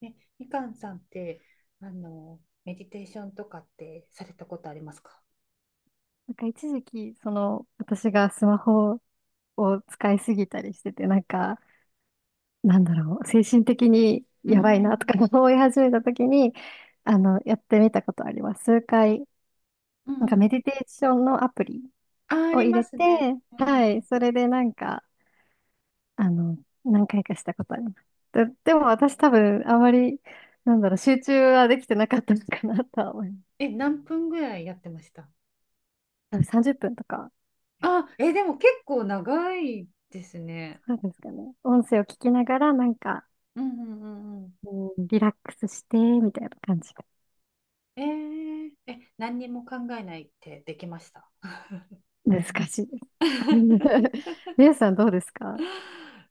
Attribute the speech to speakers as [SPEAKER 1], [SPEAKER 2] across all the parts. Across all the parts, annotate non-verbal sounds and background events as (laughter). [SPEAKER 1] ね、みかんさんって、あの、メディテーションとかってされたことありますか？
[SPEAKER 2] なんか一時期、その、私がスマホを使いすぎたりしてて、なんか、なんだろう、精神的に
[SPEAKER 1] うん、
[SPEAKER 2] や
[SPEAKER 1] う
[SPEAKER 2] ばいなとか
[SPEAKER 1] ん
[SPEAKER 2] (laughs) 思い始めた時に、あの、やってみたことあります。数回、
[SPEAKER 1] う
[SPEAKER 2] なんかメデ
[SPEAKER 1] ん。
[SPEAKER 2] ィテーションのアプリ
[SPEAKER 1] あ、あ
[SPEAKER 2] を
[SPEAKER 1] り
[SPEAKER 2] 入
[SPEAKER 1] ま
[SPEAKER 2] れ
[SPEAKER 1] す
[SPEAKER 2] て、
[SPEAKER 1] ね。う
[SPEAKER 2] はい、
[SPEAKER 1] ん。
[SPEAKER 2] それでなんか、あの、何回かしたことあります。でも私多分、あまり、なんだろう、集中はできてなかったのかなとは思い
[SPEAKER 1] え、何分ぐらいやってました？
[SPEAKER 2] ます。30分とか、
[SPEAKER 1] あ、え、でも結構長いですね。
[SPEAKER 2] そうですかね。音声を聞きながら、なんか、
[SPEAKER 1] うんうんうんうん。
[SPEAKER 2] うん、リラックスして、みたいな感じが
[SPEAKER 1] えー、え、何にも考えないってできました？
[SPEAKER 2] 難しいです。
[SPEAKER 1] (laughs)
[SPEAKER 2] (laughs) 皆さんどうですか？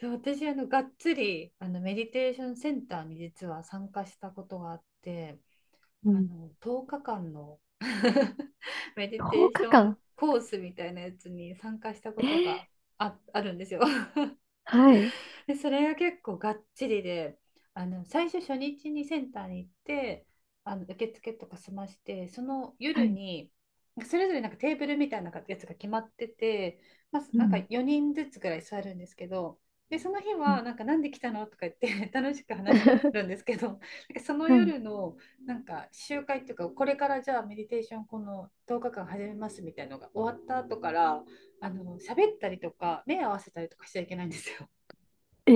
[SPEAKER 1] そう、私がっつりメディテーションセンターに実は参加したことがあって、
[SPEAKER 2] う
[SPEAKER 1] あ
[SPEAKER 2] ん。
[SPEAKER 1] の10日間の (laughs) メディ
[SPEAKER 2] 10
[SPEAKER 1] テーショ
[SPEAKER 2] 日
[SPEAKER 1] ン
[SPEAKER 2] 間
[SPEAKER 1] コースみたいなやつに参加したこ
[SPEAKER 2] え
[SPEAKER 1] と
[SPEAKER 2] ー、
[SPEAKER 1] があるんですよ。
[SPEAKER 2] はい。
[SPEAKER 1] で、それが結構がっちりで、あの、最初初日にセンターに行って、あの、受付とか済まして、その
[SPEAKER 2] は
[SPEAKER 1] 夜
[SPEAKER 2] い。
[SPEAKER 1] に、それぞれなんかテーブルみたいなやつが決まってて、まあ、
[SPEAKER 2] う
[SPEAKER 1] なんか
[SPEAKER 2] ん。
[SPEAKER 1] 4人ずつぐらい座るんですけど、で、その日
[SPEAKER 2] うん。
[SPEAKER 1] は、なんか、なんで来たのとか言って (laughs) 楽しく話してるん
[SPEAKER 2] (laughs)
[SPEAKER 1] ですけど、(laughs) なんかその
[SPEAKER 2] はい。
[SPEAKER 1] 夜の、なんか、集会っていうか、これからじゃあ、メディテーション、この10日間始めますみたいなのが終わった後から、あの、喋ったりとか、目合わせたりとかしちゃいけないんですよ。
[SPEAKER 2] え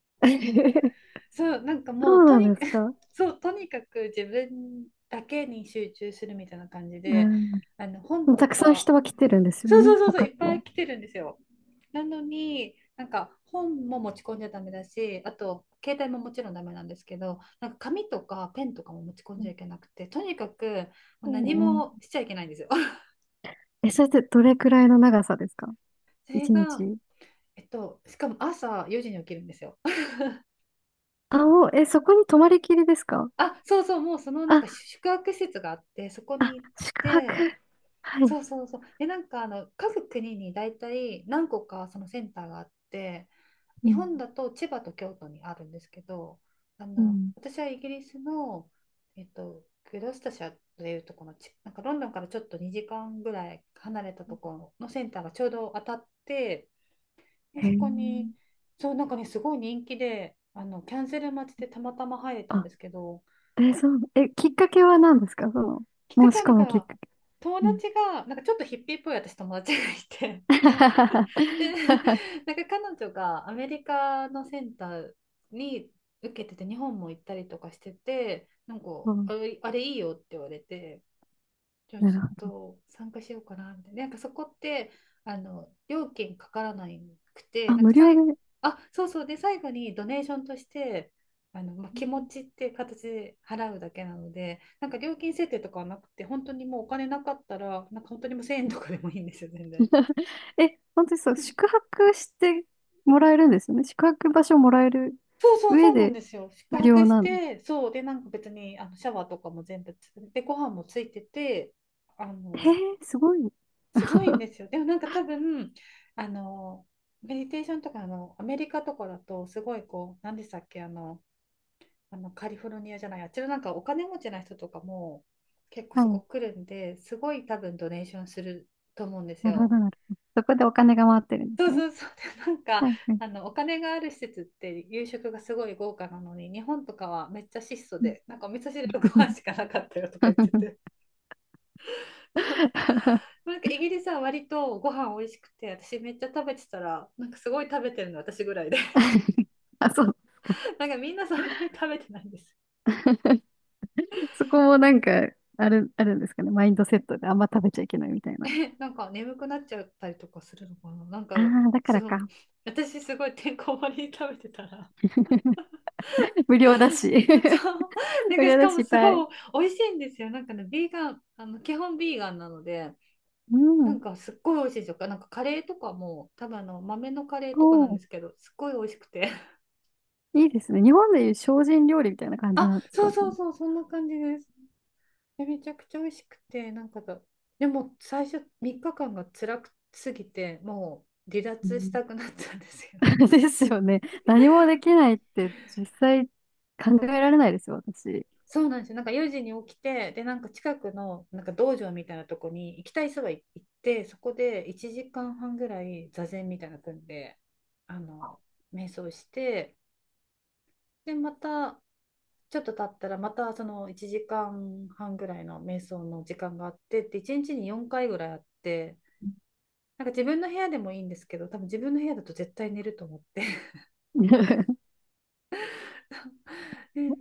[SPEAKER 2] ー。 (laughs)
[SPEAKER 1] そう、なんか
[SPEAKER 2] そ
[SPEAKER 1] もう
[SPEAKER 2] う
[SPEAKER 1] と
[SPEAKER 2] な
[SPEAKER 1] に
[SPEAKER 2] んで
[SPEAKER 1] かく
[SPEAKER 2] すか？
[SPEAKER 1] (laughs) そう、とにかく自分だけに集中するみたいな感じ
[SPEAKER 2] う
[SPEAKER 1] で、
[SPEAKER 2] ん。で
[SPEAKER 1] あの、本
[SPEAKER 2] も
[SPEAKER 1] と
[SPEAKER 2] たくさん
[SPEAKER 1] か、
[SPEAKER 2] 人は来てるんですよ
[SPEAKER 1] そうそ
[SPEAKER 2] ね、
[SPEAKER 1] うそうそう、い
[SPEAKER 2] 他
[SPEAKER 1] っぱい
[SPEAKER 2] の。
[SPEAKER 1] 来てるんですよ。なのに、なんか本も持ち込んじゃダメだし、あと携帯ももちろんダメなんですけど、なんか紙とかペンとかも持ち込ん
[SPEAKER 2] う
[SPEAKER 1] じゃ
[SPEAKER 2] ん。
[SPEAKER 1] いけなくて、とにかくもう
[SPEAKER 2] お
[SPEAKER 1] 何
[SPEAKER 2] ー。
[SPEAKER 1] もしちゃいけないんですよ。(laughs)
[SPEAKER 2] え、それってどれくらいの長さですか？
[SPEAKER 1] それ
[SPEAKER 2] 一
[SPEAKER 1] が、
[SPEAKER 2] 日。
[SPEAKER 1] えっと、しかも朝4時に起きるんですよ。(laughs)
[SPEAKER 2] あ、もう、え、そこに泊まりきりですか？
[SPEAKER 1] あ、そうそう、もうそのなん
[SPEAKER 2] あ、
[SPEAKER 1] か宿泊施設があって、そこ
[SPEAKER 2] あ、
[SPEAKER 1] に行っ
[SPEAKER 2] 宿泊。
[SPEAKER 1] て、
[SPEAKER 2] はい。
[SPEAKER 1] そうそうそう。で、なんかあの各国に大体何個かそのセンターがあって、
[SPEAKER 2] う
[SPEAKER 1] 日
[SPEAKER 2] ん。
[SPEAKER 1] 本だと千葉と京都にあるんですけど、あ
[SPEAKER 2] う
[SPEAKER 1] の、
[SPEAKER 2] ん。
[SPEAKER 1] 私はイギリスの、えっと、グロスタシャーというところのち、なんかロンドンからちょっと2時間ぐらい離れたところのセンターがちょうど当たって、で、
[SPEAKER 2] へ
[SPEAKER 1] そ
[SPEAKER 2] え。
[SPEAKER 1] こに、そう、なんかね、すごい人気で、あのキャンセル待ちでたまたま入れたん
[SPEAKER 2] あ、
[SPEAKER 1] ですけど、
[SPEAKER 2] え、そう、え、きっかけは何ですか？そ
[SPEAKER 1] きっか
[SPEAKER 2] の、申
[SPEAKER 1] け
[SPEAKER 2] し
[SPEAKER 1] はな
[SPEAKER 2] 込
[SPEAKER 1] ん
[SPEAKER 2] むきっ
[SPEAKER 1] か、
[SPEAKER 2] かけ。
[SPEAKER 1] 友
[SPEAKER 2] うん。
[SPEAKER 1] 達が、なんかちょっとヒッピーっぽい私友達がいて、(laughs) 日本 (laughs) で、
[SPEAKER 2] (laughs)
[SPEAKER 1] なんか彼女がアメリカのセンターに受けてて、日本も行ったりとかしてて、なんか、
[SPEAKER 2] そう。
[SPEAKER 1] あれいいよって言われて、じゃあ
[SPEAKER 2] な
[SPEAKER 1] ちょ
[SPEAKER 2] る
[SPEAKER 1] っ
[SPEAKER 2] ほど。
[SPEAKER 1] と参加しようかなみたいな。なんかそこって、あの、料金かからなくて、
[SPEAKER 2] あ、
[SPEAKER 1] なんか
[SPEAKER 2] 無料
[SPEAKER 1] 最後、
[SPEAKER 2] で。
[SPEAKER 1] あ、そうそう、で、最後にドネーションとして、あの、まあ、気持ちって形で払うだけなので、なんか料金設定とかはなくて、本当にもうお金なかったら、なんか本当にもう1000円とかでもいいんですよ、全然。
[SPEAKER 2] (laughs) え、本当にそう、宿泊してもらえるんですよね。宿泊場所もらえる
[SPEAKER 1] そうそうそ
[SPEAKER 2] 上
[SPEAKER 1] うなん
[SPEAKER 2] で
[SPEAKER 1] ですよ。宿
[SPEAKER 2] 無
[SPEAKER 1] 泊
[SPEAKER 2] 料
[SPEAKER 1] し
[SPEAKER 2] なの？
[SPEAKER 1] て、そう、で、なんか別にあのシャワーとかも全部つ、で、ご飯もついてて、あ
[SPEAKER 2] へ
[SPEAKER 1] の、
[SPEAKER 2] え、すごい。
[SPEAKER 1] すごいん
[SPEAKER 2] (laughs)
[SPEAKER 1] ですよ。でもなんか多分、あの、メディテーションとか、あの、アメリカとかだと、すごいこう、何でしたっけ、あの、あのカリフォルニアじゃない、あっちのなんかお金持ちな人とかも結構
[SPEAKER 2] は
[SPEAKER 1] そ
[SPEAKER 2] い。
[SPEAKER 1] こ来るんで、すごい多分ドネーションすると思うんです
[SPEAKER 2] なるほ
[SPEAKER 1] よ。
[SPEAKER 2] ど、なるほど。そこでお金が回ってるんで
[SPEAKER 1] そ
[SPEAKER 2] す
[SPEAKER 1] う
[SPEAKER 2] ね。
[SPEAKER 1] そうそう。(laughs) で、なんか、
[SPEAKER 2] はい、はい。
[SPEAKER 1] あの、お金がある施設って夕食がすごい豪華なのに、日本とかはめっちゃ質素
[SPEAKER 2] うん。
[SPEAKER 1] で、なんかお味噌汁とご飯しかなかったよとか言ってて。(laughs) なんかイギリスは割とご飯美味しくて、私めっちゃ食べてたら、なんかすごい食べてるの私ぐらいで、
[SPEAKER 2] (laughs) あ、そうです
[SPEAKER 1] (laughs) なんかみんなそんなに食べてないんです。
[SPEAKER 2] か。そこもなんか、あるんですかね。マインドセットであんま食べちゃいけないみたい
[SPEAKER 1] (laughs)
[SPEAKER 2] な。
[SPEAKER 1] え、なんか眠くなっちゃったりとかするのかな、なん
[SPEAKER 2] あ
[SPEAKER 1] か、
[SPEAKER 2] あ、だか
[SPEAKER 1] そ
[SPEAKER 2] ら
[SPEAKER 1] う、
[SPEAKER 2] か。
[SPEAKER 1] 私すごいてんこ盛りに食べてたら
[SPEAKER 2] (laughs) 無料だし。
[SPEAKER 1] (laughs)
[SPEAKER 2] (laughs)
[SPEAKER 1] そう。なん
[SPEAKER 2] 無
[SPEAKER 1] か
[SPEAKER 2] 料
[SPEAKER 1] し
[SPEAKER 2] だ
[SPEAKER 1] か
[SPEAKER 2] し、
[SPEAKER 1] も
[SPEAKER 2] いっ
[SPEAKER 1] す
[SPEAKER 2] ぱい。
[SPEAKER 1] ごい美味しいんですよ。なんかね、ビーガン、あの、基本ビーガンなので、
[SPEAKER 2] う
[SPEAKER 1] なん
[SPEAKER 2] ん。
[SPEAKER 1] かすっごい美味しいですよ。なんかカレーとかも、多分あの、豆のカレー
[SPEAKER 2] お
[SPEAKER 1] とかなんで
[SPEAKER 2] ー、
[SPEAKER 1] すけど、すっごい美味しくて。
[SPEAKER 2] いいですね。日本でいう精進料理みたいな感じ
[SPEAKER 1] (laughs)
[SPEAKER 2] なんです
[SPEAKER 1] そ
[SPEAKER 2] か
[SPEAKER 1] うそ
[SPEAKER 2] ね。
[SPEAKER 1] うそう、そんな感じです。でめちゃくちゃ美味しくて、なんかだ、でも最初3日間が辛くすぎて、もう離
[SPEAKER 2] う
[SPEAKER 1] 脱し
[SPEAKER 2] ん。
[SPEAKER 1] たくなったんですよ。
[SPEAKER 2] (laughs) ですよね。何もできないって実際考えられないですよ、私。
[SPEAKER 1] そうなんですよ。なんか4時に起きて、で、なんか近くのなんか道場みたいなとこに行きたい人が行って、そこで1時間半ぐらい座禅みたいなの組んで、あの、瞑想して、で、またちょっと経ったら、またその1時間半ぐらいの瞑想の時間があって、で、1日に4回ぐらいあって、なんか自分の部屋でもいいんですけど、多分自分の部屋だと絶対寝ると思って。
[SPEAKER 2] (laughs)
[SPEAKER 1] (laughs) で、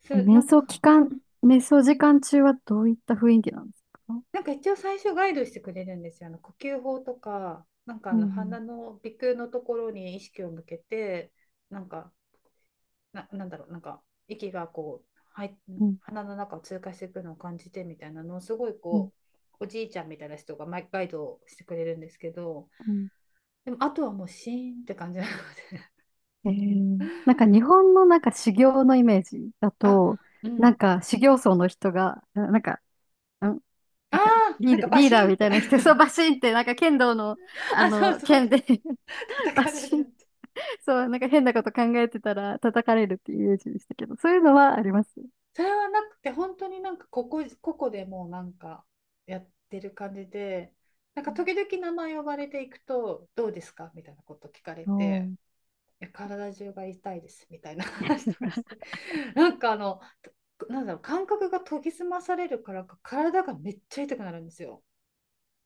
[SPEAKER 1] そ
[SPEAKER 2] え、
[SPEAKER 1] う、なんか
[SPEAKER 2] 瞑想時間中はどういった雰囲気なんですか？
[SPEAKER 1] なんか一応最初ガイドしてくれるんですよ。あの呼吸法とか、なんかあ
[SPEAKER 2] う
[SPEAKER 1] の
[SPEAKER 2] ん、
[SPEAKER 1] 鼻の鼻腔のところに意識を向けて、なんか、なんだろう、なんか息がこう、はい、
[SPEAKER 2] うん、
[SPEAKER 1] 鼻の中を通過していくのを感じてみたいなのをすごい
[SPEAKER 2] うん、
[SPEAKER 1] こう、おじいちゃんみたいな人がマイガイドをしてくれるんですけど、
[SPEAKER 2] うん。
[SPEAKER 1] でもあとはもうシーンって感じなの
[SPEAKER 2] え
[SPEAKER 1] で。
[SPEAKER 2] ー、なんか日本のなんか修行のイメージだ
[SPEAKER 1] (laughs) あ、
[SPEAKER 2] と、
[SPEAKER 1] う
[SPEAKER 2] なん
[SPEAKER 1] ん。
[SPEAKER 2] か修行僧の人が、んなん
[SPEAKER 1] あ
[SPEAKER 2] か
[SPEAKER 1] あ、
[SPEAKER 2] リ
[SPEAKER 1] な
[SPEAKER 2] ー
[SPEAKER 1] ん
[SPEAKER 2] ダ
[SPEAKER 1] か
[SPEAKER 2] ー、
[SPEAKER 1] バ
[SPEAKER 2] リー
[SPEAKER 1] シ
[SPEAKER 2] ダ
[SPEAKER 1] ー
[SPEAKER 2] ー
[SPEAKER 1] ンっ
[SPEAKER 2] みた
[SPEAKER 1] て。
[SPEAKER 2] いな人、そうバシンって、なんか剣道の、
[SPEAKER 1] (laughs)
[SPEAKER 2] あ
[SPEAKER 1] あ、そう
[SPEAKER 2] の、
[SPEAKER 1] そ
[SPEAKER 2] 剣
[SPEAKER 1] う。
[SPEAKER 2] で (laughs)
[SPEAKER 1] (laughs) 叩
[SPEAKER 2] バ
[SPEAKER 1] かれる
[SPEAKER 2] シ
[SPEAKER 1] や
[SPEAKER 2] ン、
[SPEAKER 1] つ。
[SPEAKER 2] そう、なんか変なこと考えてたら叩かれるっていうイメージでしたけど、そういうのはあります？
[SPEAKER 1] それはなくて、本当になんかここでもうなんかやってる感じで、なんか時々名前呼ばれていくと、どうですかみたいなこと聞かれ
[SPEAKER 2] お
[SPEAKER 1] て、
[SPEAKER 2] ー。
[SPEAKER 1] いや体中が痛いですみたいな話とかして、(laughs) なんかあの、なんだろう、感覚が研ぎ澄まされるからか、体がめっちゃ痛くなるんですよ。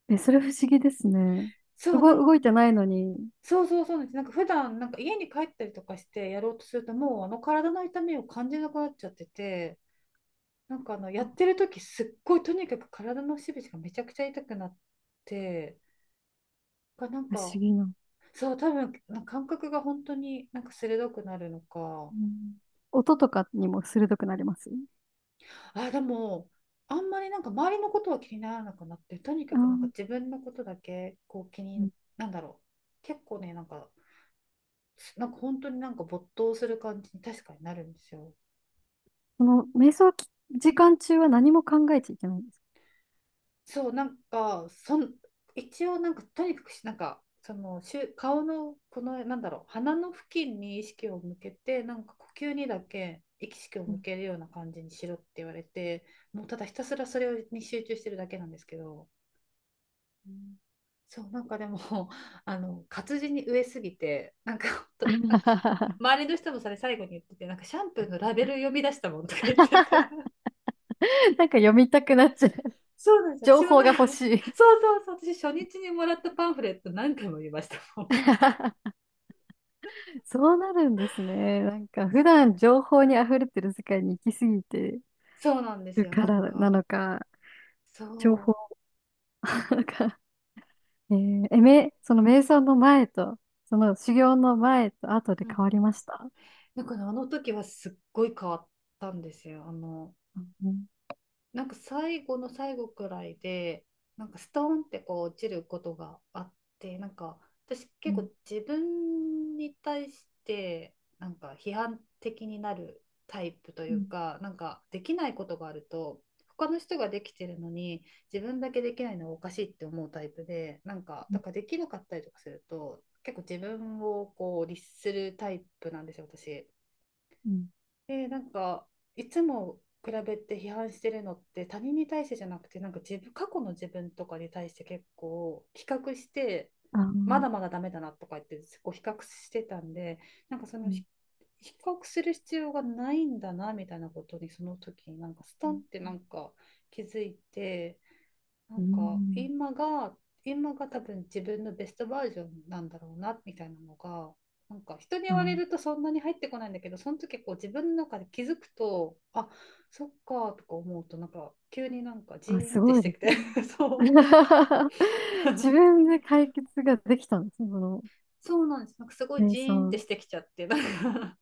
[SPEAKER 2] え、それ不思議ですね。
[SPEAKER 1] そ
[SPEAKER 2] 動、
[SPEAKER 1] う、なん
[SPEAKER 2] 動いてないのに、
[SPEAKER 1] そうそうそうなんです。なんか普段なんか家に帰ったりとかしてやろうとすると、もうあの体の痛みを感じなくなっちゃってて、なんかあのやっ
[SPEAKER 2] あ、
[SPEAKER 1] てる時すっごいとにかく体の節々がめちゃくちゃ痛くなってなん
[SPEAKER 2] 不思
[SPEAKER 1] か、
[SPEAKER 2] 議な。
[SPEAKER 1] そう、多分なんか感覚が本当になんか鋭くなるのか、
[SPEAKER 2] うん。音とかにも鋭くなります？
[SPEAKER 1] あ、でもあんまりなんか周りのことは気にならなくなって、とにか
[SPEAKER 2] あ
[SPEAKER 1] くなんか
[SPEAKER 2] ー。
[SPEAKER 1] 自分のことだけこう気に、なんだろう、結構ね、なんか、なんか本当になんか没頭する感じに確かになるんですよ。
[SPEAKER 2] その、瞑想き時間中は何も考えちゃいけないんですか？
[SPEAKER 1] そう、なんか、一応、なんか、とにかくし、なんか、顔の、この、なんだろう、鼻の付近に意識を向けて、なんか、呼吸にだけ意識を向
[SPEAKER 2] う
[SPEAKER 1] けるような感じにしろって言われて、もう、ただひたすらそれに集中してるだけなんですけど、
[SPEAKER 2] ん。
[SPEAKER 1] そう、なんかでも、(laughs) あの、活字に飢えすぎて、なんか、(laughs) ほんと、なんか
[SPEAKER 2] (laughs) な
[SPEAKER 1] 周りの人もそれ最後に言ってて、なんか、シャンプーのラベル読み出したもんとか言ってて、
[SPEAKER 2] んか読みたくなっちゃう。
[SPEAKER 1] そうなんで
[SPEAKER 2] 情
[SPEAKER 1] すよ。私も
[SPEAKER 2] 報
[SPEAKER 1] な
[SPEAKER 2] が
[SPEAKER 1] んか
[SPEAKER 2] 欲し
[SPEAKER 1] (laughs)
[SPEAKER 2] い。
[SPEAKER 1] そうそうそう、私初日にもらったパンフレット何回も見ましたもん。
[SPEAKER 2] (laughs) そうなるんですね。なんか普段情報に溢れてる世界に行き過ぎて
[SPEAKER 1] そうなんです
[SPEAKER 2] る
[SPEAKER 1] よ。
[SPEAKER 2] か
[SPEAKER 1] なん
[SPEAKER 2] らな
[SPEAKER 1] か、
[SPEAKER 2] のか、
[SPEAKER 1] そ
[SPEAKER 2] 情報なのか。えー、え、その瞑想の前と、その修行の前と後で
[SPEAKER 1] う。うん
[SPEAKER 2] 変わ
[SPEAKER 1] う
[SPEAKER 2] り
[SPEAKER 1] ん。
[SPEAKER 2] ました？
[SPEAKER 1] あの時はすっごい変わったんですよ。
[SPEAKER 2] うん、うん、
[SPEAKER 1] なんか最後の最後くらいで、なんかストーンってこう落ちることがあって、なんか私
[SPEAKER 2] う
[SPEAKER 1] 結
[SPEAKER 2] ん、
[SPEAKER 1] 構自分に対してなんか批判的になるタイプというか、なんかできないことがあると、他の人ができてるのに自分だけできないのはおかしいって思うタイプで、なんか
[SPEAKER 2] うん、
[SPEAKER 1] だからできなかったりとかすると、結構自分をこう律するタイプなんですよ、私。
[SPEAKER 2] うん。
[SPEAKER 1] で、なんか、いつも比べて批判してるのって他人に対してじゃなくて、なんか自分、過去の自分とかに対して結構比較して、
[SPEAKER 2] あー、う
[SPEAKER 1] ま
[SPEAKER 2] ん、
[SPEAKER 1] だまだダメだなとか言って、こう比較してたんで、なんかそのひ比較する必要がないんだなみたいなことに、その時になんかストンって
[SPEAKER 2] う
[SPEAKER 1] なんか気づいて、なんか
[SPEAKER 2] ん、
[SPEAKER 1] 今が多分自分のベストバージョンなんだろうなみたいなのがなんか人に言
[SPEAKER 2] う
[SPEAKER 1] われ
[SPEAKER 2] ん。
[SPEAKER 1] るとそんなに入ってこないんだけど、その時こう自分の中で気づくと、あ、そっかとか思うと、なんか急になんかジ
[SPEAKER 2] あ、
[SPEAKER 1] ーン
[SPEAKER 2] す
[SPEAKER 1] って
[SPEAKER 2] ご
[SPEAKER 1] し
[SPEAKER 2] い
[SPEAKER 1] て
[SPEAKER 2] で
[SPEAKER 1] き
[SPEAKER 2] す
[SPEAKER 1] て、
[SPEAKER 2] ね。
[SPEAKER 1] (laughs) そう
[SPEAKER 2] (laughs) 自分で解決ができたんですね、この
[SPEAKER 1] そうなんです。なんかすごい
[SPEAKER 2] 瞑
[SPEAKER 1] ジーンって
[SPEAKER 2] 想。
[SPEAKER 1] してきちゃってなんか、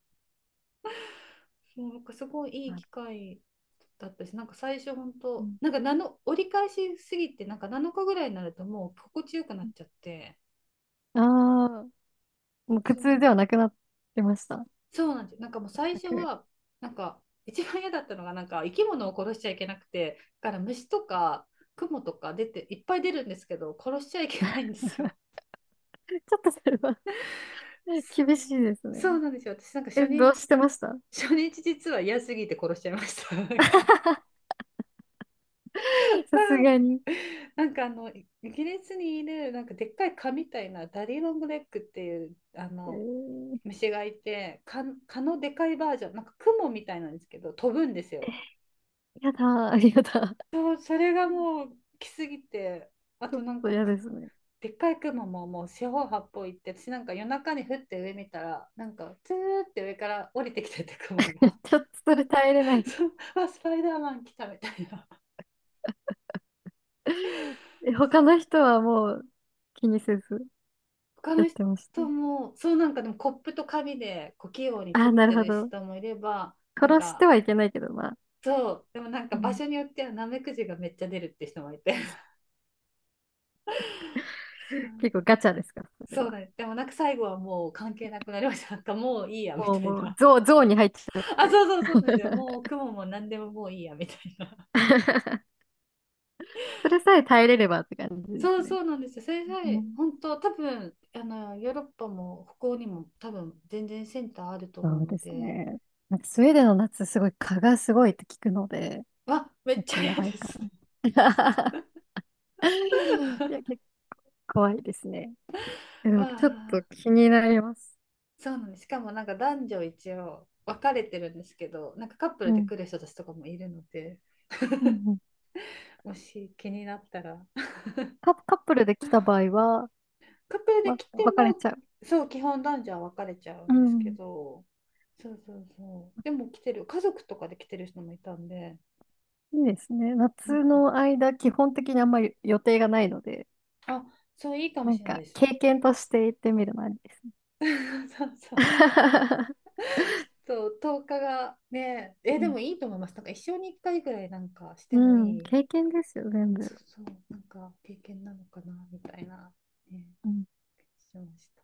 [SPEAKER 1] (laughs) もうなんかすごいいい機会だったし、なんか最初本当なんかなの折り返しすぎてなんか7日ぐらいになるともう心地よくなっちゃって、
[SPEAKER 2] ああー、もう苦
[SPEAKER 1] そう
[SPEAKER 2] 痛ではなくなってました？
[SPEAKER 1] そうなんですよ。なんかもう最
[SPEAKER 2] 全
[SPEAKER 1] 初
[SPEAKER 2] く。
[SPEAKER 1] は、なんか一番嫌だったのが、なんか生き物を殺しちゃいけなくて、だから虫とかクモとか出て、いっぱい出るんですけど、殺しちゃいけないんですよ。
[SPEAKER 2] ちょっとそれは (laughs)
[SPEAKER 1] そう、
[SPEAKER 2] 厳しいですね。
[SPEAKER 1] そうなんですよ。私なんか初
[SPEAKER 2] え、ど
[SPEAKER 1] 日、
[SPEAKER 2] うしてました？ (laughs)
[SPEAKER 1] 初日実は嫌すぎて殺しちゃいました。なんか、
[SPEAKER 2] さす
[SPEAKER 1] (laughs)
[SPEAKER 2] がに。
[SPEAKER 1] イギリスにいる、なんかでっかい蚊みたいな、ダディロングレッグっていう、あ
[SPEAKER 2] え
[SPEAKER 1] の、
[SPEAKER 2] ー、
[SPEAKER 1] 虫がいて、蚊、蚊のでかいバージョン、なんかクモみたいなんですけど、飛ぶんですよ。
[SPEAKER 2] やだー、やだ。 (laughs)
[SPEAKER 1] そう、それがもう来すぎて、あ
[SPEAKER 2] ちょっ
[SPEAKER 1] となん
[SPEAKER 2] と
[SPEAKER 1] か
[SPEAKER 2] 嫌で
[SPEAKER 1] く、
[SPEAKER 2] すね。
[SPEAKER 1] でっかい雲ももう四方八方行って、私なんか夜中に降って上見たら、なんかツーって上から降りてきてて雲
[SPEAKER 2] (laughs)
[SPEAKER 1] が、
[SPEAKER 2] ちょっとそれ耐えれない。
[SPEAKER 1] (laughs) そう、あ、スパイダーマン来たみたいな。
[SPEAKER 2] (laughs) え、他の人はもう気にせず
[SPEAKER 1] (laughs) 他
[SPEAKER 2] や
[SPEAKER 1] の
[SPEAKER 2] ってました？
[SPEAKER 1] 人も、そうなんかでもコップと紙でこう器用に
[SPEAKER 2] ああ、
[SPEAKER 1] 取っ
[SPEAKER 2] なる
[SPEAKER 1] て
[SPEAKER 2] ほ
[SPEAKER 1] る
[SPEAKER 2] ど。
[SPEAKER 1] 人もいれば、なん
[SPEAKER 2] 殺して
[SPEAKER 1] か、
[SPEAKER 2] はいけないけど、まあ。
[SPEAKER 1] そう、でもなんか
[SPEAKER 2] う
[SPEAKER 1] 場
[SPEAKER 2] ん。
[SPEAKER 1] 所によってはナメクジがめっちゃ出るって人もいて、
[SPEAKER 2] 結
[SPEAKER 1] (laughs)
[SPEAKER 2] 構ガチャですか、それ
[SPEAKER 1] そ
[SPEAKER 2] は？
[SPEAKER 1] うなんで、でもなんか最後はもう関係なくなりました。なんかもういいやみ
[SPEAKER 2] もう、
[SPEAKER 1] たい
[SPEAKER 2] もう、
[SPEAKER 1] な。
[SPEAKER 2] ゾーンに入っちゃっ
[SPEAKER 1] (laughs) あ、
[SPEAKER 2] て。
[SPEAKER 1] そうそうそうですよ。もう雲も何でももういいやみたいな。
[SPEAKER 2] (laughs) それさえ耐えれればって感じ
[SPEAKER 1] (laughs)
[SPEAKER 2] で
[SPEAKER 1] そ
[SPEAKER 2] す
[SPEAKER 1] う
[SPEAKER 2] ね。
[SPEAKER 1] そうなんですよ。それさ
[SPEAKER 2] う
[SPEAKER 1] え、
[SPEAKER 2] ん、
[SPEAKER 1] 本当、多分あのヨーロッパも北欧にも多分全然センターあると
[SPEAKER 2] そ
[SPEAKER 1] 思う
[SPEAKER 2] うで
[SPEAKER 1] の
[SPEAKER 2] す
[SPEAKER 1] で、
[SPEAKER 2] ね。なんかスウェーデンの夏、すごい蚊がすごいって聞くので、
[SPEAKER 1] わ、めっ
[SPEAKER 2] 結
[SPEAKER 1] ち
[SPEAKER 2] 構
[SPEAKER 1] ゃ
[SPEAKER 2] や
[SPEAKER 1] 嫌
[SPEAKER 2] ば
[SPEAKER 1] で
[SPEAKER 2] いか
[SPEAKER 1] すね。
[SPEAKER 2] な。(laughs) いや、結構怖いですね。で
[SPEAKER 1] (laughs)
[SPEAKER 2] も、
[SPEAKER 1] わ
[SPEAKER 2] ちょっと
[SPEAKER 1] あ、
[SPEAKER 2] 気になります。
[SPEAKER 1] そうなんです。しかもなんか男女一応分かれてるんですけど、なんかカップル
[SPEAKER 2] う
[SPEAKER 1] で
[SPEAKER 2] ん。
[SPEAKER 1] 来る人たちとかもいるので、
[SPEAKER 2] うん、うん。
[SPEAKER 1] もし気になったら、(laughs)
[SPEAKER 2] カップルで来た場合は、
[SPEAKER 1] カップルで
[SPEAKER 2] ま、
[SPEAKER 1] 来て
[SPEAKER 2] 別れ
[SPEAKER 1] も、
[SPEAKER 2] ちゃう？
[SPEAKER 1] そう、基本男女は分かれちゃう
[SPEAKER 2] う
[SPEAKER 1] んですけ
[SPEAKER 2] ん。
[SPEAKER 1] ど、そうそうそう。でも来てる、家族とかで来てる人もいたんで、
[SPEAKER 2] いいですね。
[SPEAKER 1] うん
[SPEAKER 2] 夏
[SPEAKER 1] うん、
[SPEAKER 2] の間、基本的にあんまり予定がないので、
[SPEAKER 1] あ、そう、いいかも
[SPEAKER 2] なん
[SPEAKER 1] しれない
[SPEAKER 2] か、
[SPEAKER 1] です。
[SPEAKER 2] 経験として言ってみるのありですね。
[SPEAKER 1] (laughs) そうそう。
[SPEAKER 2] (laughs)
[SPEAKER 1] ちょっと、10日がね、え、
[SPEAKER 2] う
[SPEAKER 1] で
[SPEAKER 2] ん、
[SPEAKER 1] もいいと思います。なんか、一生に1回ぐらいなんかして
[SPEAKER 2] う
[SPEAKER 1] も
[SPEAKER 2] ん、
[SPEAKER 1] いい、
[SPEAKER 2] 経験ですよ、全部。
[SPEAKER 1] そうそう、なんか、経験なのかな、みたいな、ね、
[SPEAKER 2] うん。
[SPEAKER 1] 気がしました。